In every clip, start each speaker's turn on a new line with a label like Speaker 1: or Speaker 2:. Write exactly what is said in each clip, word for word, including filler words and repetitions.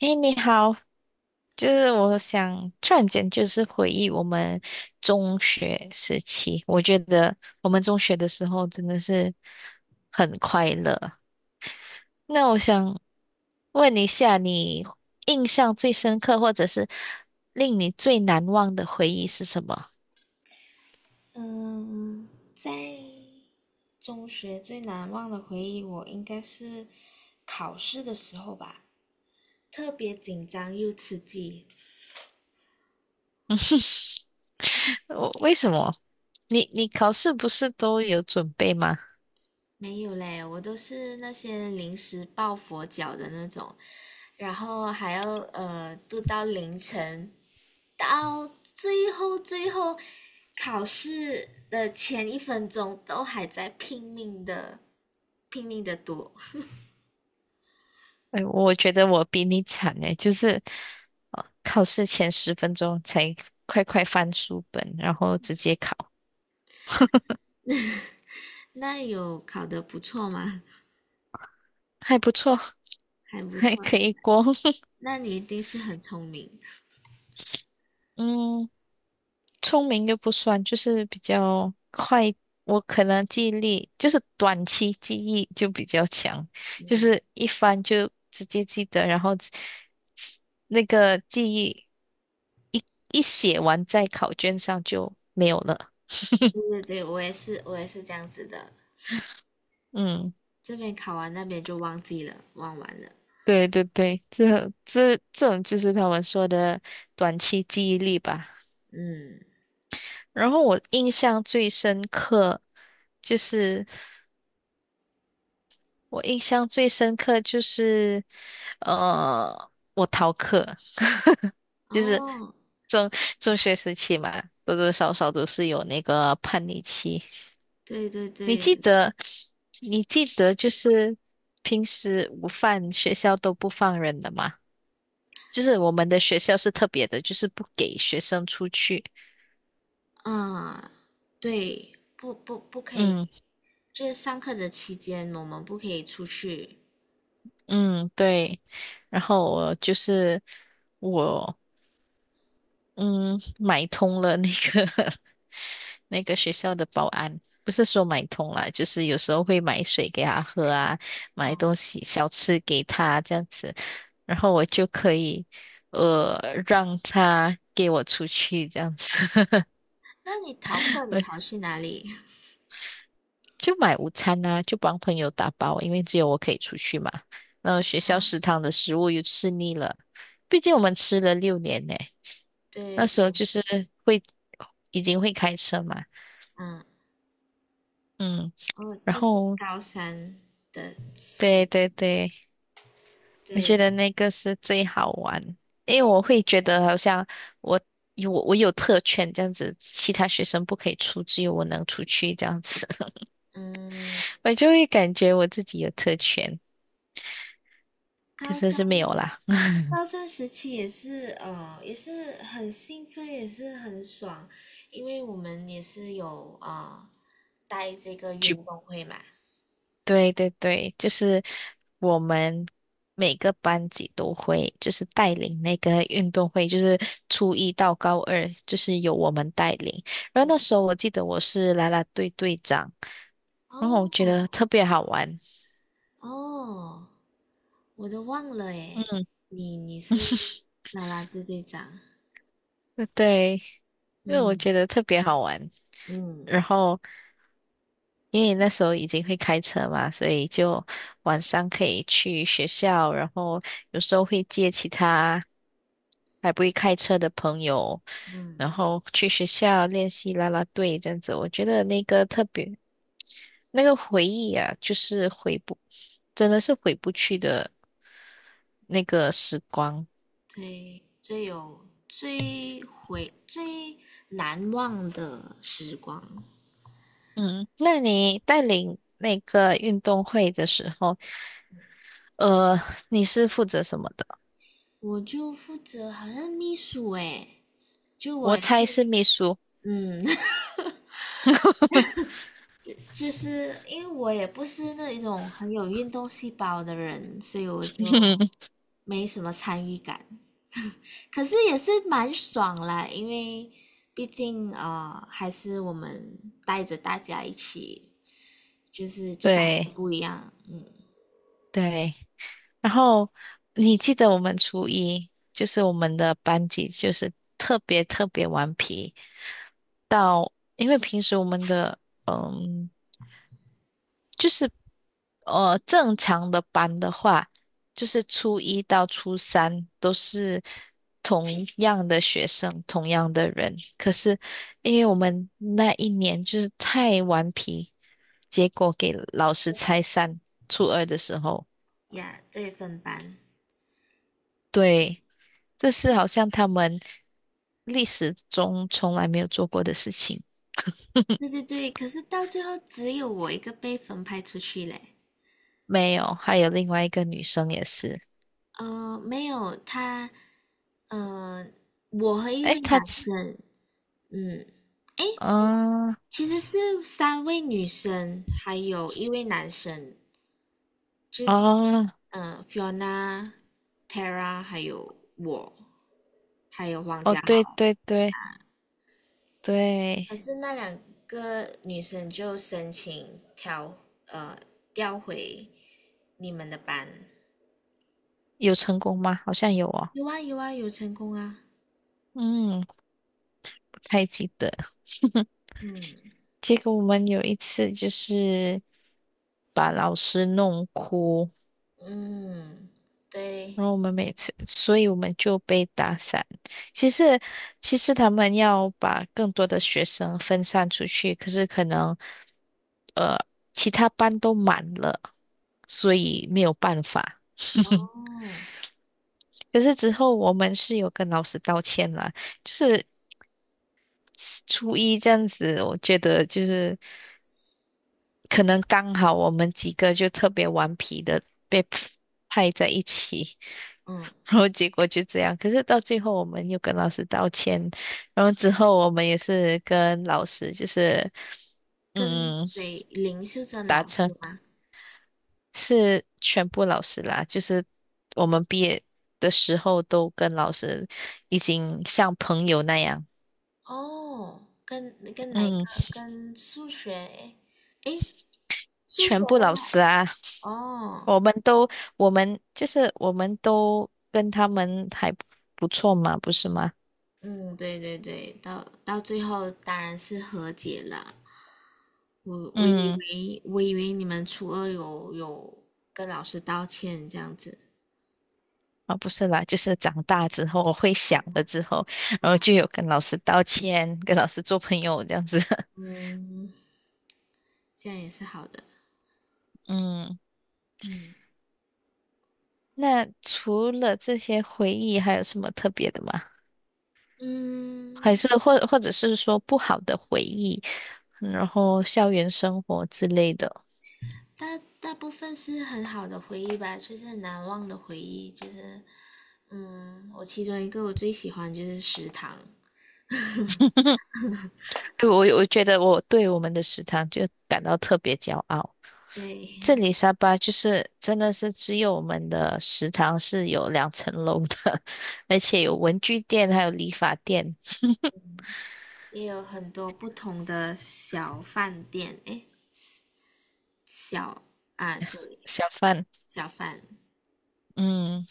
Speaker 1: 哎，你好，就是我想突然间就是回忆我们中学时期，我觉得我们中学的时候真的是很快乐。那我想问一下，你印象最深刻或者是令你最难忘的回忆是什么？
Speaker 2: 嗯，在中学最难忘的回忆，我应该是考试的时候吧，特别紧张又刺激。
Speaker 1: 我为什么？你你考试不是都有准备吗？
Speaker 2: 没有嘞，我都是那些临时抱佛脚的那种，然后还要呃读到凌晨，到最后最后考试的前一分钟都还在拼命的拼命的读。
Speaker 1: 哎，我觉得我比你惨哎，就是，呃，考试前十分钟才快快翻书本，然后直接考，
Speaker 2: 那有考得不错吗？
Speaker 1: 还不错。
Speaker 2: 还不
Speaker 1: 还
Speaker 2: 错。
Speaker 1: 可以过。
Speaker 2: 那你一定是很聪明。
Speaker 1: 嗯，聪明又不算，就是比较快。我可能记忆力就是短期记忆就比较强，就是一翻就直接记得，然后那个记忆一一写完在考卷上就没有了。
Speaker 2: 对 对对，我也是，我也是这样子的。
Speaker 1: 嗯。
Speaker 2: 这边考完，那边就忘记了，忘完了。
Speaker 1: 对对对，这这这种就是他们说的短期记忆力吧。
Speaker 2: 嗯，
Speaker 1: 然后我印象最深刻就是我印象最深刻就是呃我逃课，就是
Speaker 2: 哦，
Speaker 1: 中中学时期嘛，多多少少都是有那个叛逆期。
Speaker 2: 对对
Speaker 1: 你记
Speaker 2: 对，
Speaker 1: 得你记得就是平时午饭学校都不放人的吗？就是我们的学校是特别的，就是不给学生出去。
Speaker 2: 嗯，对，不不不可以，
Speaker 1: 嗯
Speaker 2: 就是上课的期间我们不可以出去。
Speaker 1: 嗯，对。然后我就是我嗯买通了那个 那个学校的保安，不是说买通了，就是有时候会买水给他喝啊，买
Speaker 2: 嗯，
Speaker 1: 东西小吃给他这样子，然后我就可以呃让他给我出去这样子。
Speaker 2: 那你逃课，你逃 去哪里？
Speaker 1: 就买午餐啊，就帮朋友打包，因为只有我可以出去嘛。然后学校食堂的食物又吃腻了，毕竟我们吃了六年呢。
Speaker 2: 对
Speaker 1: 那时候
Speaker 2: 对，
Speaker 1: 就是会已经会开车嘛，
Speaker 2: 嗯，
Speaker 1: 嗯，
Speaker 2: 哦，
Speaker 1: 然
Speaker 2: 就是
Speaker 1: 后
Speaker 2: 高三的时，
Speaker 1: 对对对，我
Speaker 2: 对，
Speaker 1: 觉得那个是最好玩，因为我会觉得好像我有我有特权这样子，其他学生不可以出，只有我能出去这样子，
Speaker 2: 嗯，
Speaker 1: 我就会感觉我自己有特权，可
Speaker 2: 高
Speaker 1: 是
Speaker 2: 三
Speaker 1: 是没有啦。
Speaker 2: 高三时期也是，呃，也是很兴奋，也是很爽，因为我们也是有啊、呃、带这个运动会嘛。
Speaker 1: 对对对，就是我们每个班级都会，就是带领那个运动会，就是初一到高二，就是由我们带领。然后那时候我记得我是啦啦队队长，然后我觉得
Speaker 2: 哦
Speaker 1: 特别好玩。
Speaker 2: 哦，我都忘了诶，
Speaker 1: 嗯，
Speaker 2: 你你是啦啦队队长，
Speaker 1: 对，因为我
Speaker 2: 嗯
Speaker 1: 觉得特别好玩。然
Speaker 2: 嗯
Speaker 1: 后因为那时候已经会开车嘛，所以就晚上可以去学校，然后有时候会接其他。还不会开车的朋友，
Speaker 2: 嗯，
Speaker 1: 然后去学校练习啦啦队这样子，我觉得那个特别那个回忆啊，就是回不，真的是回不去的那个时光。
Speaker 2: 对，最有最回最难忘的时光，
Speaker 1: 嗯，那你带领那个运动会的时候，呃，你是负责什么的？
Speaker 2: 我就负责好像秘书诶，就我
Speaker 1: 我
Speaker 2: 也
Speaker 1: 猜
Speaker 2: 是，
Speaker 1: 是秘书。
Speaker 2: 嗯，就是因为我也不是那一种很有运动细胞的人，所以我就没什么参与感。可是也是蛮爽啦，因为毕竟啊、呃还是我们带着大家一起，就是就感觉
Speaker 1: 对
Speaker 2: 不一样。嗯，
Speaker 1: 对，然后你记得我们初一，就是我们的班级就是特别特别顽皮。到，因为平时我们的嗯，就是呃正常的班的话，就是初一到初三都是同样的学生，同样的人。可是因为我们那一年就是太顽皮，结果给老师拆散。初二的时候，
Speaker 2: 呀，对，分班，
Speaker 1: 对，这是好像他们历史中从来没有做过的事情。
Speaker 2: 对对对。可是到最后只有我一个被分派出去嘞。
Speaker 1: 没有，还有另外一个女生也是。
Speaker 2: 呃，没有他，呃，我和一
Speaker 1: 诶，
Speaker 2: 位
Speaker 1: 她
Speaker 2: 男生，嗯，诶，
Speaker 1: 啊
Speaker 2: 其实是三位女生，还有一位男生，就是
Speaker 1: 啊
Speaker 2: 呃，Fiona、Tara 还有我，还有黄
Speaker 1: 哦，
Speaker 2: 家
Speaker 1: 对
Speaker 2: 豪。
Speaker 1: 对对对，
Speaker 2: 可是那两个女生就申请调呃调回你们的班，
Speaker 1: 有成功吗？好像有哦，
Speaker 2: 有啊有啊有成功啊，
Speaker 1: 嗯，不太记得。
Speaker 2: 嗯
Speaker 1: 结果我们有一次就是把老师弄哭，
Speaker 2: 嗯对
Speaker 1: 然后我们每次，所以我们就被打散。其实，其实他们要把更多的学生分散出去，可是可能其他班都满了，所以没有办法。
Speaker 2: 哦
Speaker 1: 可是之后我们是有跟老师道歉啦，就是初一这样子，我觉得就是可能刚好我们几个就特别顽皮的被 派在一起，
Speaker 2: 嗯，
Speaker 1: 然后结果就这样。可是到最后我们又跟老师道歉，然后之后我们也是跟老师就是
Speaker 2: 跟
Speaker 1: 嗯
Speaker 2: 谁林秀珍
Speaker 1: 达
Speaker 2: 老师
Speaker 1: 成
Speaker 2: 吗？
Speaker 1: 是全部老师啦，就是我们毕业的时候都跟老师已经像朋友那样。
Speaker 2: 哦，跟跟哪一
Speaker 1: 嗯。
Speaker 2: 个？跟数学？哎哎，数学
Speaker 1: 全部
Speaker 2: 那
Speaker 1: 老
Speaker 2: 个？
Speaker 1: 师啊，
Speaker 2: 哦，
Speaker 1: 我们都，我们就是我们都跟他们还不错嘛，不是吗？
Speaker 2: 嗯，对对对，到到最后当然是和解了。我我以
Speaker 1: 嗯，
Speaker 2: 为我以为你们初二有有跟老师道歉这样子。
Speaker 1: 啊，不是啦，就是长大之后，我会想了之后，然后就有跟老师道歉，跟老师做朋友这样子。
Speaker 2: 嗯，这样也是好的。
Speaker 1: 嗯，
Speaker 2: 嗯
Speaker 1: 那除了这些回忆，还有什么特别的吗？
Speaker 2: 嗯，
Speaker 1: 还是或或者是说不好的回忆，嗯然后校园生活之类的？
Speaker 2: 大大部分是很好的回忆吧，就是很难忘的回忆。就是，嗯，我其中一个我最喜欢就是食堂，
Speaker 1: 我我觉得我对我们的食堂就感到特别骄傲。
Speaker 2: 对，
Speaker 1: 这里沙巴就是真的是只有我们的食堂是有两层楼的，而且有文具店，还有理发店。
Speaker 2: 也有很多不同的小饭店，诶，小啊，对，
Speaker 1: 小贩。
Speaker 2: 小饭
Speaker 1: 嗯，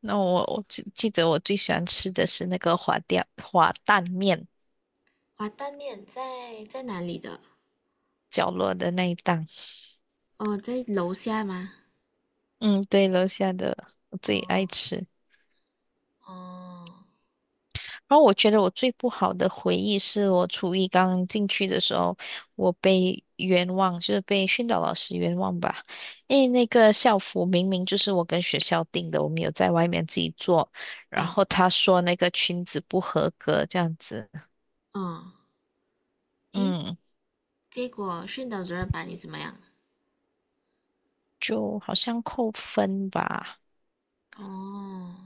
Speaker 1: 那我我记记得我最喜欢吃的是那个滑蛋滑蛋面
Speaker 2: 滑蛋面在在哪里的？
Speaker 1: 角落的那一档。
Speaker 2: 哦，在楼下吗？
Speaker 1: 嗯，对，楼下的我最爱
Speaker 2: 哦
Speaker 1: 吃。
Speaker 2: 哦，
Speaker 1: 然后我觉得我最不好的回忆是我初一刚进去的时候，我被冤枉，就是被训导老师冤枉吧。因为那个校服明明就是我跟学校订的，我们有在外面自己做，然
Speaker 2: 嗯
Speaker 1: 后他说那个裙子不合格这样子，
Speaker 2: 嗯，诶，
Speaker 1: 嗯，
Speaker 2: 结果训导主任把你怎么样？
Speaker 1: 就好像扣分吧。
Speaker 2: 哦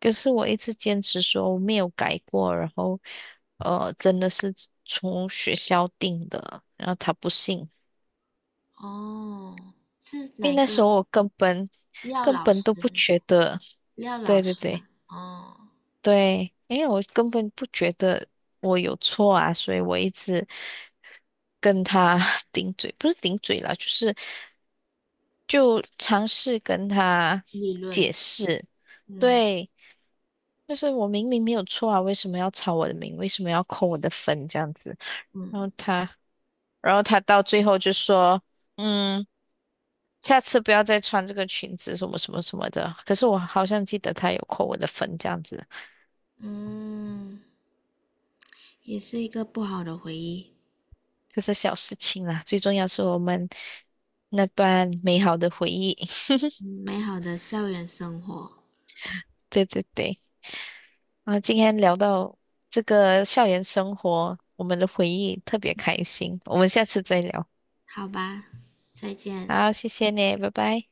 Speaker 1: 可是我一直坚持说我没有改过，然后呃，真的是从学校订的，然后他不信。
Speaker 2: 哦，是
Speaker 1: 因为
Speaker 2: 哪
Speaker 1: 那
Speaker 2: 个
Speaker 1: 时候我根本
Speaker 2: 廖
Speaker 1: 根
Speaker 2: 老
Speaker 1: 本
Speaker 2: 师？
Speaker 1: 都不觉得，
Speaker 2: 廖老
Speaker 1: 对对
Speaker 2: 师吗？
Speaker 1: 对
Speaker 2: 哦，
Speaker 1: 对，因为我根本不觉得我有错啊，所以我一直跟他 顶嘴，不是顶嘴啦，就是就尝试跟他
Speaker 2: 理
Speaker 1: 解
Speaker 2: 论，
Speaker 1: 释，
Speaker 2: 嗯
Speaker 1: 对，就是我明明没有错啊，为什么要抄我的名，为什么要扣我的分这样子，然
Speaker 2: 嗯
Speaker 1: 后他，然后他到最后就说，嗯。下次不要再穿这个裙子，什么什么什么的。可是我好像记得他有扣我的分这样子。
Speaker 2: 嗯，也是一个不好的回忆。
Speaker 1: 这是小事情啦，最重要是我们那段美好的回忆。
Speaker 2: 美好的校园生活，
Speaker 1: 对对对，啊，今天聊到这个校园生活，我们的回忆特别开心，我们下次再聊。
Speaker 2: 好吧，再见。
Speaker 1: 好，谢谢你，拜拜。